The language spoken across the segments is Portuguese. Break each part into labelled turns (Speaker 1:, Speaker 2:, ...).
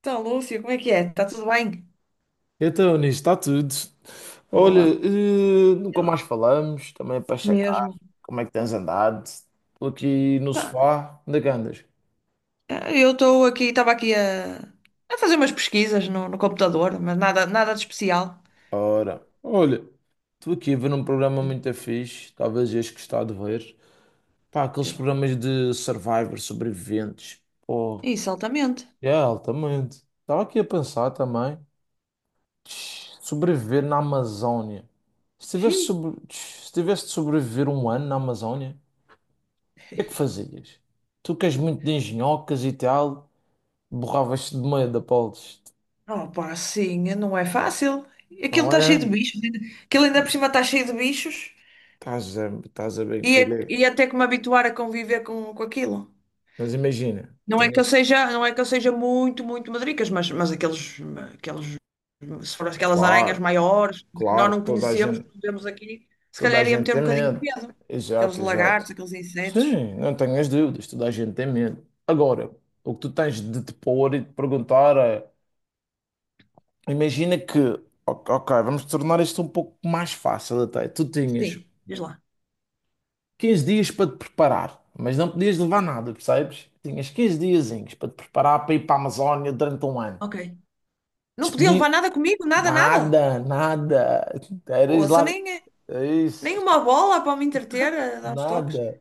Speaker 1: Então, Lúcia, como é que é? Está tudo bem?
Speaker 2: Então, nisso está tudo. Olha,
Speaker 1: Boa.
Speaker 2: nunca
Speaker 1: Eu-
Speaker 2: mais falamos, também é para checar
Speaker 1: Mesmo.
Speaker 2: como é que tens andado. Estou aqui no
Speaker 1: Tá,
Speaker 2: sofá, onde é que andas?
Speaker 1: Eu estou aqui, estava aqui a a, fazer umas pesquisas no computador, mas nada de especial.
Speaker 2: Ora, olha, estou aqui a ver um programa muito fixe, talvez este que está a ver. Pá, aqueles
Speaker 1: Eu-
Speaker 2: programas de Survivor, sobreviventes. Pô,
Speaker 1: Isso, altamente.
Speaker 2: é, altamente. Estava aqui a pensar também. Sobreviver na Amazónia. Se tivesse,
Speaker 1: Xiii.
Speaker 2: sobre... tch, Se tivesse de sobreviver um ano na Amazónia, o que é que fazias? Tu que és muito de engenhocas e tal, borravas-te de medo, Apolos,
Speaker 1: Oh, pá, sim, não é fácil. Aquilo
Speaker 2: não
Speaker 1: está cheio
Speaker 2: é?
Speaker 1: de bichos. Aquilo ainda por
Speaker 2: E
Speaker 1: cima está cheio de bichos
Speaker 2: estás a bem
Speaker 1: e
Speaker 2: querer.
Speaker 1: e é até que me habituar a conviver com aquilo.
Speaker 2: Mas imagina,
Speaker 1: Não é que eu seja, não é que eu seja muito, muito madricas, mas aqueles, se for aquelas aranhas
Speaker 2: claro,
Speaker 1: maiores, que nós
Speaker 2: claro,
Speaker 1: não conhecemos, que não vemos aqui, se
Speaker 2: toda a
Speaker 1: calhar ia
Speaker 2: gente
Speaker 1: meter um
Speaker 2: tem
Speaker 1: bocadinho de
Speaker 2: medo.
Speaker 1: peso. Aqueles
Speaker 2: Exato, exato.
Speaker 1: lagartos, aqueles insetos.
Speaker 2: Sim, não tenhas dúvidas, toda a gente tem medo. Agora, o que tu tens de te pôr e de perguntar é: imagina que, ok, ok, vamos tornar isto um pouco mais fácil até. Tu tinhas
Speaker 1: Sim, diz lá.
Speaker 2: 15 dias para te preparar, mas não podias levar nada, percebes? Tinhas 15 diazinhos para te preparar para ir para a Amazónia durante um ano.
Speaker 1: Ok. Não podia
Speaker 2: Despedi
Speaker 1: levar nada comigo, nada, nada.
Speaker 2: nada, nada. Eras
Speaker 1: Ouça,
Speaker 2: lar...
Speaker 1: nem
Speaker 2: Isso,
Speaker 1: uma bola para me entreter, a dar uns toques.
Speaker 2: nada.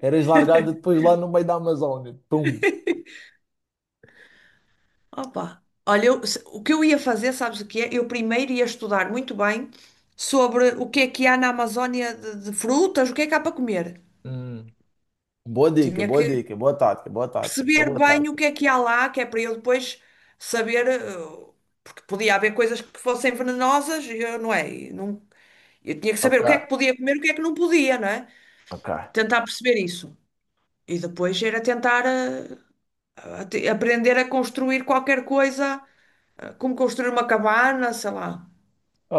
Speaker 2: Eras largado depois lá no meio da Amazónia. Pum.
Speaker 1: Opa, olha, o que eu ia fazer, sabes o que é? Eu primeiro ia estudar muito bem sobre o que é que há na Amazónia de frutas, o que é que há para comer.
Speaker 2: Hum. Boa dica,
Speaker 1: Tinha
Speaker 2: boa
Speaker 1: que
Speaker 2: dica, boa tática, boa tática. Essa é
Speaker 1: perceber
Speaker 2: boa
Speaker 1: bem o
Speaker 2: tática.
Speaker 1: que é que há lá, que é para eu depois saber, porque podia haver coisas que fossem venenosas, e eu não é, e não, eu tinha que saber
Speaker 2: Ok,
Speaker 1: o que é que podia comer, e o que é que não podia, não é?
Speaker 2: ok.
Speaker 1: Tentar perceber isso. E depois era tentar aprender a construir qualquer coisa, como construir uma cabana, sei lá,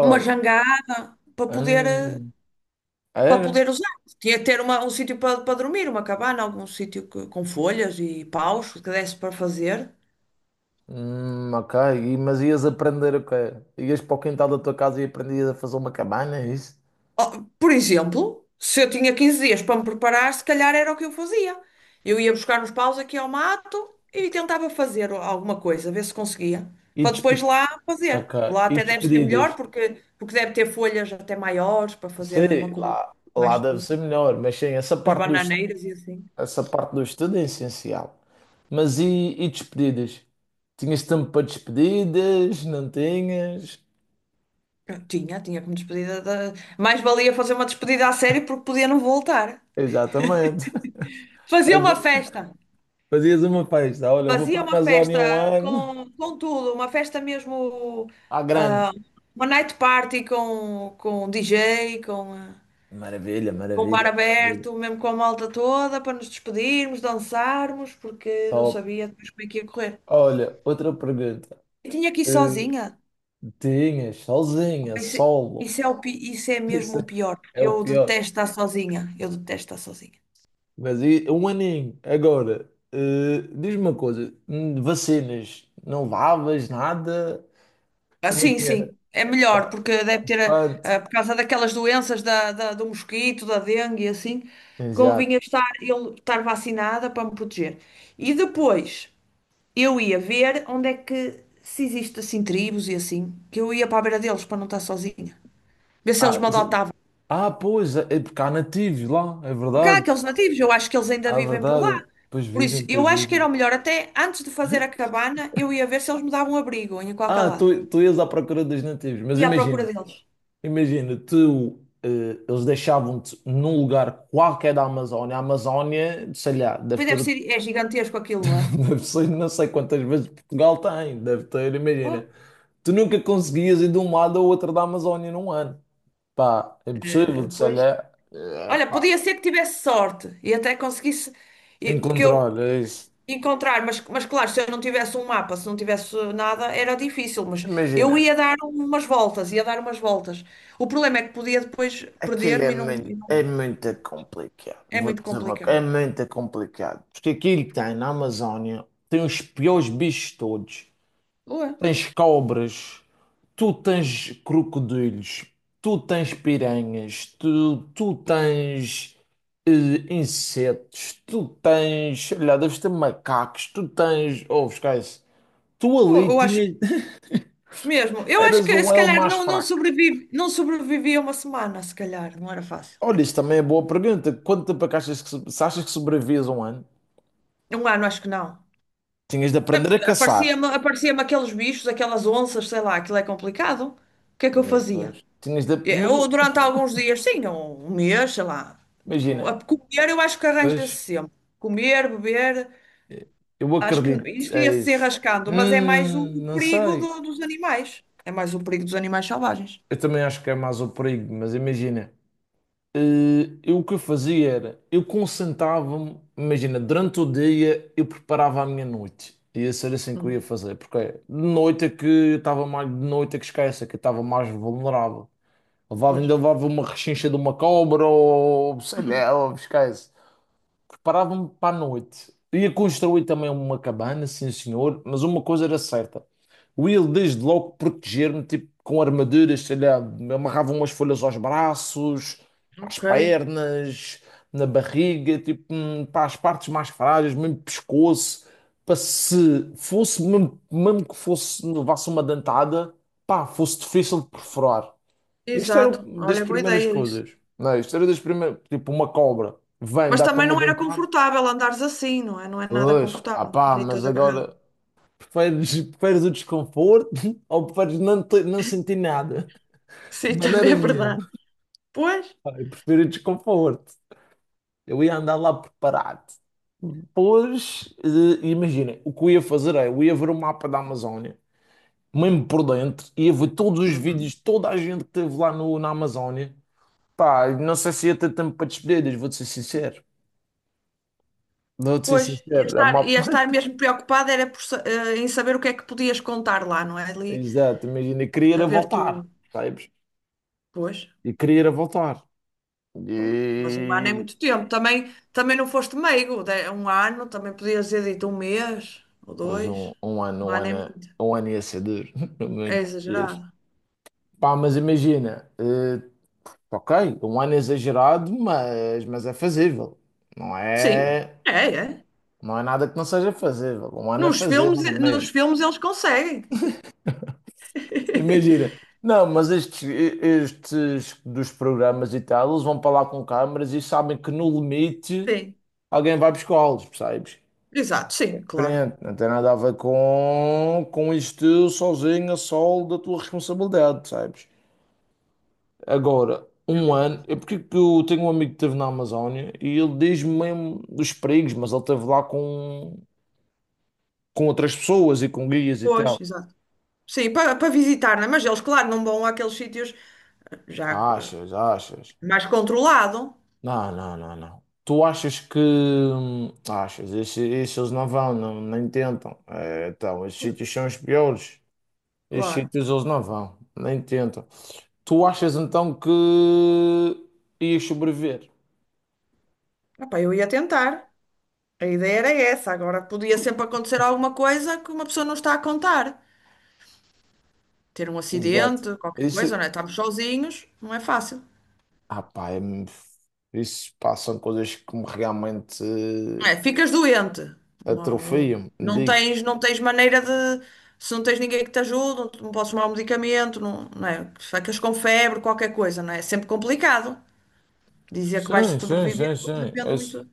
Speaker 1: uma jangada,
Speaker 2: hum,
Speaker 1: para
Speaker 2: era?
Speaker 1: poder usar. Tinha que ter um sítio para dormir, uma cabana, algum sítio com folhas e paus que desse para fazer.
Speaker 2: Ok, mas ias aprender o quê? Ias para o quintal da tua casa e aprendias a fazer uma cabana, é isso?
Speaker 1: Oh, por exemplo, se eu tinha 15 dias para me preparar, se calhar era o que eu fazia. Eu ia buscar uns paus aqui ao mato e tentava fazer alguma coisa, ver se conseguia,
Speaker 2: E,
Speaker 1: para
Speaker 2: despe-
Speaker 1: depois lá
Speaker 2: ok,
Speaker 1: fazer. Lá
Speaker 2: e
Speaker 1: até deve ser
Speaker 2: despedidas.
Speaker 1: melhor, porque deve ter folhas até maiores para fazer uma
Speaker 2: Sei
Speaker 1: cobertura
Speaker 2: lá,
Speaker 1: mais
Speaker 2: deve
Speaker 1: segura.
Speaker 2: ser melhor, mas sim,
Speaker 1: As bananeiras e assim.
Speaker 2: essa parte do estudo é essencial. Mas e despedidas? Tinhas tempo para despedidas? Não tinhas?
Speaker 1: Eu tinha, tinha como despedida. Mais valia fazer uma despedida a sério porque podia não voltar.
Speaker 2: Exatamente.
Speaker 1: Fazia uma
Speaker 2: Agora,
Speaker 1: festa.
Speaker 2: fazias uma festa. Olha, eu vou para
Speaker 1: Fazia
Speaker 2: a
Speaker 1: uma
Speaker 2: Amazónia um
Speaker 1: festa
Speaker 2: ano.
Speaker 1: com tudo, uma festa mesmo,
Speaker 2: À grande.
Speaker 1: ah, uma night party com DJ, com, ah,
Speaker 2: Maravilha,
Speaker 1: com bar
Speaker 2: maravilha, maravilha.
Speaker 1: aberto, mesmo com a malta toda, para nos despedirmos, dançarmos, porque não
Speaker 2: Top.
Speaker 1: sabia depois como é que ia correr.
Speaker 2: Olha, outra pergunta.
Speaker 1: Eu tinha que ir
Speaker 2: Eh,
Speaker 1: sozinha.
Speaker 2: Tinhas sozinha,
Speaker 1: Opa, isso, é,
Speaker 2: solo.
Speaker 1: isso é isso é
Speaker 2: Isso
Speaker 1: mesmo o
Speaker 2: é
Speaker 1: pior, porque
Speaker 2: o
Speaker 1: eu
Speaker 2: pior.
Speaker 1: detesto estar sozinha. Eu detesto estar sozinha.
Speaker 2: Mas um aninho. Agora, diz-me uma coisa: vacinas, não levavas nada?
Speaker 1: Ah,
Speaker 2: Como é
Speaker 1: sim,
Speaker 2: que era?
Speaker 1: sim, é melhor,
Speaker 2: Tá,
Speaker 1: porque deve ter, ah, ah,
Speaker 2: pronto.
Speaker 1: por causa daquelas doenças do mosquito, da dengue e assim,
Speaker 2: Exato.
Speaker 1: convinha estar, eu estar vacinada para me proteger. E depois eu ia ver onde é que, se existe assim tribos e assim, que eu ia para a beira deles para não estar sozinha, ver se eles
Speaker 2: Ah,
Speaker 1: me
Speaker 2: se-
Speaker 1: adotavam.
Speaker 2: ah, pois, é porque há nativos lá, é
Speaker 1: Porque há
Speaker 2: verdade.
Speaker 1: aqueles nativos, eu acho que eles ainda
Speaker 2: Ah, é
Speaker 1: vivem por lá.
Speaker 2: verdade. Pois
Speaker 1: Por isso,
Speaker 2: vivem, pois
Speaker 1: eu acho que
Speaker 2: vivem.
Speaker 1: era o melhor, até antes de fazer a cabana, eu ia ver se eles me davam abrigo em qualquer
Speaker 2: Ah,
Speaker 1: lado.
Speaker 2: tu ias à procura dos nativos. Mas
Speaker 1: Ia à procura
Speaker 2: imagina,
Speaker 1: deles.
Speaker 2: imagina, tu, eh, eles deixavam-te num lugar qualquer da Amazónia. A Amazónia, sei lá, deve
Speaker 1: Pois
Speaker 2: ter,
Speaker 1: deve ser, é gigantesco aquilo, não é?
Speaker 2: deve ser, não sei quantas vezes Portugal tem, deve ter, imagina.
Speaker 1: Pô,
Speaker 2: Tu nunca conseguias ir de um lado ao outro da Amazónia num ano. Pá, é impossível, sei
Speaker 1: pois.
Speaker 2: lá,
Speaker 1: Olha,
Speaker 2: pá,
Speaker 1: podia ser que tivesse sorte e até conseguisse, e- porque eu
Speaker 2: encontrar, é isso.
Speaker 1: encontrar, mas claro, se eu não tivesse um mapa, se não tivesse nada, era difícil, mas eu
Speaker 2: Imagina,
Speaker 1: ia dar umas voltas, ia dar umas voltas. O problema é que podia depois
Speaker 2: aquilo
Speaker 1: perder-me
Speaker 2: é muito complicado.
Speaker 1: é
Speaker 2: Vou
Speaker 1: muito
Speaker 2: dizer uma
Speaker 1: complicado.
Speaker 2: coisa, é muito complicado. Porque aquilo que tem na Amazónia, tem os piores bichos todos.
Speaker 1: Ué,
Speaker 2: Tens cobras, tu tens crocodilos, tu tens piranhas, tu tens eh, insetos, tu tens, sei lá, deves ter macacos, tu tens, oh, esquece, tu
Speaker 1: pô,
Speaker 2: ali tinhas,
Speaker 1: eu acho
Speaker 2: eras
Speaker 1: que
Speaker 2: o
Speaker 1: se
Speaker 2: elo
Speaker 1: calhar
Speaker 2: mais
Speaker 1: não
Speaker 2: fraco.
Speaker 1: sobrevive, não sobrevivia uma semana, se calhar, não era fácil.
Speaker 2: Olha, isso também é boa pergunta. Quanto tempo é que achas que, se achas que sobrevives um ano?
Speaker 1: Um ano, acho que não.
Speaker 2: Tinhas de
Speaker 1: É
Speaker 2: aprender a
Speaker 1: porque
Speaker 2: caçar.
Speaker 1: aparecia-me aqueles bichos, aquelas onças, sei lá, aquilo é complicado. O que é que eu
Speaker 2: É,
Speaker 1: fazia?
Speaker 2: pois. Tinhas de, mas
Speaker 1: Eu, durante alguns dias, sim, um mês, sei lá. Tipo, a
Speaker 2: imagina,
Speaker 1: comer eu acho que arranja-se
Speaker 2: pois,
Speaker 1: sempre. Comer, beber,
Speaker 2: eu
Speaker 1: acho que
Speaker 2: acredito,
Speaker 1: isto
Speaker 2: é
Speaker 1: ia-se
Speaker 2: isso.
Speaker 1: enrascando, mas é mais o
Speaker 2: Não
Speaker 1: perigo
Speaker 2: sei.
Speaker 1: dos animais. É mais o perigo dos animais selvagens.
Speaker 2: Eu também acho que é mais o perigo, mas imagina, eh, eu o que eu fazia era, eu concentrava-me, imagina, durante o dia eu preparava a minha noite. Ia ser assim que eu ia
Speaker 1: Hum,
Speaker 2: fazer, porque de noite é que eu estava mais, de noite é que esquece, é que eu estava mais vulnerável. Ainda
Speaker 1: pois.
Speaker 2: levava uma rechincha de uma cobra ou sei lá, ou esquece. Preparava-me para a noite. Ia construir também uma cabana, sim senhor, mas uma coisa era certa. O Will desde logo proteger-me, tipo, com armaduras, sei lá, me amarravam umas folhas aos braços, às
Speaker 1: Ok,
Speaker 2: pernas, na barriga, tipo, para as partes mais frágeis, mesmo pescoço, para se fosse, mesmo, mesmo que fosse, levasse uma dentada, pá, fosse difícil de perfurar. Isto era
Speaker 1: exato.
Speaker 2: das
Speaker 1: Olha, boa
Speaker 2: primeiras
Speaker 1: ideia isso.
Speaker 2: coisas. Não, é? Isto era das primeiras, tipo, uma cobra. Vem,
Speaker 1: Mas
Speaker 2: dá-te
Speaker 1: também
Speaker 2: uma
Speaker 1: não era
Speaker 2: dentada.
Speaker 1: confortável andares assim, não é? Não é nada
Speaker 2: Pois, ah
Speaker 1: confortável.
Speaker 2: pá,
Speaker 1: Ali
Speaker 2: mas
Speaker 1: toda agarrada.
Speaker 2: agora preferes o desconforto ou preferes não, não sentir nada? De
Speaker 1: Sim, também
Speaker 2: maneira
Speaker 1: é verdade.
Speaker 2: nenhuma.
Speaker 1: Pois.
Speaker 2: Ah, eu prefiro o desconforto. Eu ia andar lá preparado. Pois, imagina, o que eu ia fazer é, eu ia ver o mapa da Amazónia, mesmo por dentro, ia ver todos os
Speaker 1: Uhum.
Speaker 2: vídeos, toda a gente que esteve lá na Amazónia. Pá, não sei se ia ter tempo para despedidas, vou-te ser sincero. Vou-te ser
Speaker 1: Pois,
Speaker 2: sincero, a
Speaker 1: ia
Speaker 2: malta...
Speaker 1: estar mesmo preocupada era por em saber o que é que podias contar lá, não é? Ali
Speaker 2: Exato, imagina, eu queria
Speaker 1: a
Speaker 2: era
Speaker 1: ver
Speaker 2: voltar,
Speaker 1: tu.
Speaker 2: sabes?
Speaker 1: Pois,
Speaker 2: E queria ir a voltar.
Speaker 1: pô, mas um ano é
Speaker 2: E
Speaker 1: muito tempo. Também, também não foste meigo. Um ano também podias ter dito um mês ou
Speaker 2: pois
Speaker 1: dois. Um ano é muito.
Speaker 2: um ano ia ser duro.
Speaker 1: É
Speaker 2: Muito duro.
Speaker 1: exagerado.
Speaker 2: Pá, mas imagina, ok, um ano é exagerado, mas é fazível. Não
Speaker 1: Sim,
Speaker 2: é,
Speaker 1: é, é.
Speaker 2: nada que não seja fazível. Um ano é fazível, não é
Speaker 1: Nos
Speaker 2: mesmo?
Speaker 1: filmes eles conseguem.
Speaker 2: Imagina. Não, mas estes, dos programas e tal, eles vão para lá com câmaras e sabem que no limite
Speaker 1: Sim,
Speaker 2: alguém vai buscá-los, percebes?
Speaker 1: exato, sim, claro.
Speaker 2: Diferente, não tem nada a ver com isto sozinho, a sol da tua responsabilidade, sabes? Agora,
Speaker 1: É
Speaker 2: um ano,
Speaker 1: verdade.
Speaker 2: é porque é que eu tenho um amigo que esteve na Amazónia e ele diz mesmo dos perigos, mas ele esteve lá com outras pessoas e com guias e
Speaker 1: Pois,
Speaker 2: tal.
Speaker 1: exato. Sim, para visitar, não é? Mas eles, claro, não vão àqueles sítios já.
Speaker 2: Achas, achas?
Speaker 1: Mais controlado,
Speaker 2: Não, não, não, não. Tu achas que. Achas, esses isso eles não vão, não, nem tentam. É, então, esses sítios são os piores. Esses
Speaker 1: claro.
Speaker 2: sítios eles não vão, nem tentam. Tu achas então que ias sobreviver?
Speaker 1: Epá, eu ia tentar. A ideia era essa. Agora podia sempre acontecer alguma coisa que uma pessoa não está a contar. Ter um
Speaker 2: Exato.
Speaker 1: acidente, qualquer
Speaker 2: Isso,
Speaker 1: coisa, não é? Estamos sozinhos, não é fácil.
Speaker 2: ah, pá, isso pá, são coisas que me realmente
Speaker 1: É, ficas doente. Uma- um-
Speaker 2: atrofiam,
Speaker 1: Não
Speaker 2: digo-te.
Speaker 1: tens, não tens maneira de. Se não tens ninguém que te ajude, não podes tomar um medicamento, não, não é? Ficas com febre, qualquer coisa, não é? É sempre complicado dizer que vais
Speaker 2: Sim, sim, sim,
Speaker 1: sobreviver, porque
Speaker 2: sim.
Speaker 1: depende
Speaker 2: Esse
Speaker 1: muito.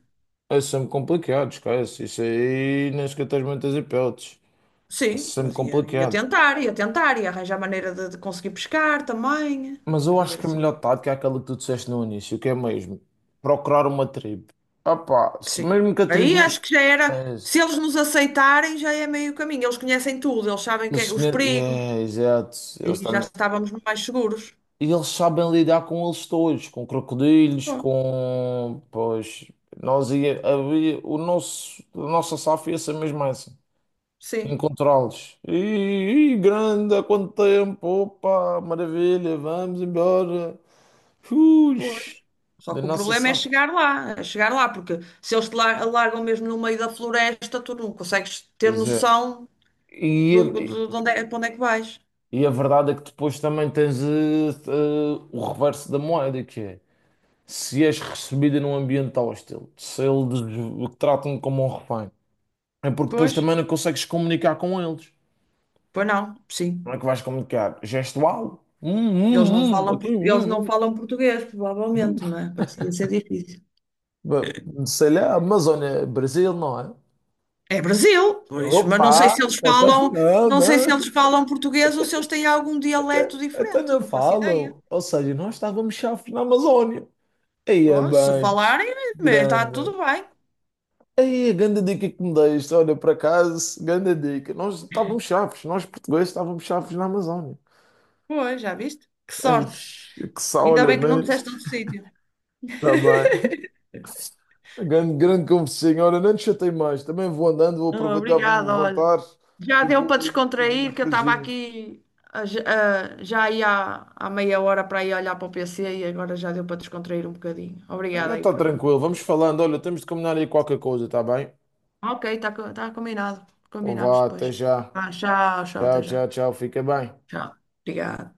Speaker 2: é sempre complicado, esquece. Isso aí nem sequer tens muitas hipóteses.
Speaker 1: Sim,
Speaker 2: Esse é sempre
Speaker 1: mas ia
Speaker 2: complicado.
Speaker 1: tentar, ia tentar, ia arranjar maneira de conseguir pescar também.
Speaker 2: Mas eu acho
Speaker 1: Fazer
Speaker 2: que a
Speaker 1: assim.
Speaker 2: melhor tática é aquela que tu disseste no início, que é mesmo procurar uma tribo. Ah, pá, se
Speaker 1: Sim.
Speaker 2: mesmo que a
Speaker 1: Aí
Speaker 2: tribo nos.
Speaker 1: acho que já era.
Speaker 2: É,
Speaker 1: Se
Speaker 2: isso.
Speaker 1: eles nos aceitarem, já é meio caminho. Eles conhecem tudo, eles sabem que os perigos
Speaker 2: É, exato. Eles
Speaker 1: e já
Speaker 2: também.
Speaker 1: estávamos mais seguros.
Speaker 2: E eles sabem lidar com eles todos, com crocodilos,
Speaker 1: Bom,
Speaker 2: com. Pois, nós ia, havia, o nosso, a nossa SAF ia ser mesmo essa.
Speaker 1: sim,
Speaker 2: Encontrá-los. E grande, há quanto tempo? Opa, maravilha, vamos embora. Ux,
Speaker 1: pois. Só
Speaker 2: da
Speaker 1: que o
Speaker 2: nossa
Speaker 1: problema
Speaker 2: SAF.
Speaker 1: é chegar lá, porque se eles te largam mesmo no meio da floresta, tu não consegues ter
Speaker 2: Pois é.
Speaker 1: noção
Speaker 2: E, a
Speaker 1: de onde é, para onde é que vais.
Speaker 2: e a verdade é que depois também tens o reverso da moeda, que é se és recebida num ambiente hostil, se eles o tratam como um refém. É porque depois
Speaker 1: Pois,
Speaker 2: também não consegues comunicar com eles.
Speaker 1: pois não, sim.
Speaker 2: Não é que vais comunicar gestual?
Speaker 1: Eles não falam,
Speaker 2: Aqui,
Speaker 1: eles não falam português,
Speaker 2: hum.
Speaker 1: provavelmente, não é? Vai ser ia ser difícil.
Speaker 2: Ba- Sei lá, Amazônia, Brasil, não é?
Speaker 1: É Brasil, pois, mas não sei
Speaker 2: Opa,
Speaker 1: se eles
Speaker 2: até
Speaker 1: falam,
Speaker 2: não,
Speaker 1: não sei
Speaker 2: não,
Speaker 1: se eles falam português ou se eles têm algum dialeto
Speaker 2: até
Speaker 1: diferente,
Speaker 2: não
Speaker 1: não faço ideia.
Speaker 2: falam. Ou seja, nós estávamos chaves na Amazônia. Aí é
Speaker 1: Oh, se
Speaker 2: bem
Speaker 1: falarem, está
Speaker 2: grande.
Speaker 1: tudo bem.
Speaker 2: Aí a grande dica que me deste, olha, por acaso, grande dica. Nós estávamos chaves, nós portugueses estávamos chaves na Amazônia.
Speaker 1: Pois, já viste? Que
Speaker 2: Ei,
Speaker 1: sorte.
Speaker 2: que só,
Speaker 1: Ainda
Speaker 2: olha,
Speaker 1: bem que não
Speaker 2: mas...
Speaker 1: disseste outro sítio.
Speaker 2: Tá bem. Grande, grande conversinha. Ora, não te chatei mais. Também vou andando, vou
Speaker 1: Oh,
Speaker 2: aproveitar, vou-me
Speaker 1: obrigada, olha.
Speaker 2: levantar
Speaker 1: Já
Speaker 2: e
Speaker 1: deu para
Speaker 2: vou aí fazer
Speaker 1: descontrair,
Speaker 2: umas
Speaker 1: que eu estava
Speaker 2: coisinhas.
Speaker 1: aqui, já aí há meia hora para ir olhar para o PC e agora já deu para descontrair um bocadinho.
Speaker 2: Já
Speaker 1: Obrigada aí
Speaker 2: está
Speaker 1: para
Speaker 2: tranquilo. Vamos falando. Olha, temos de combinar aí qualquer coisa, está bem?
Speaker 1: Ok, está tá combinado.
Speaker 2: Então
Speaker 1: Combinamos
Speaker 2: vá,
Speaker 1: depois.
Speaker 2: até já.
Speaker 1: Ah, tchau, tchau, até
Speaker 2: Tchau,
Speaker 1: já.
Speaker 2: tchau, tchau. Fica bem.
Speaker 1: Tchau. Obrigada.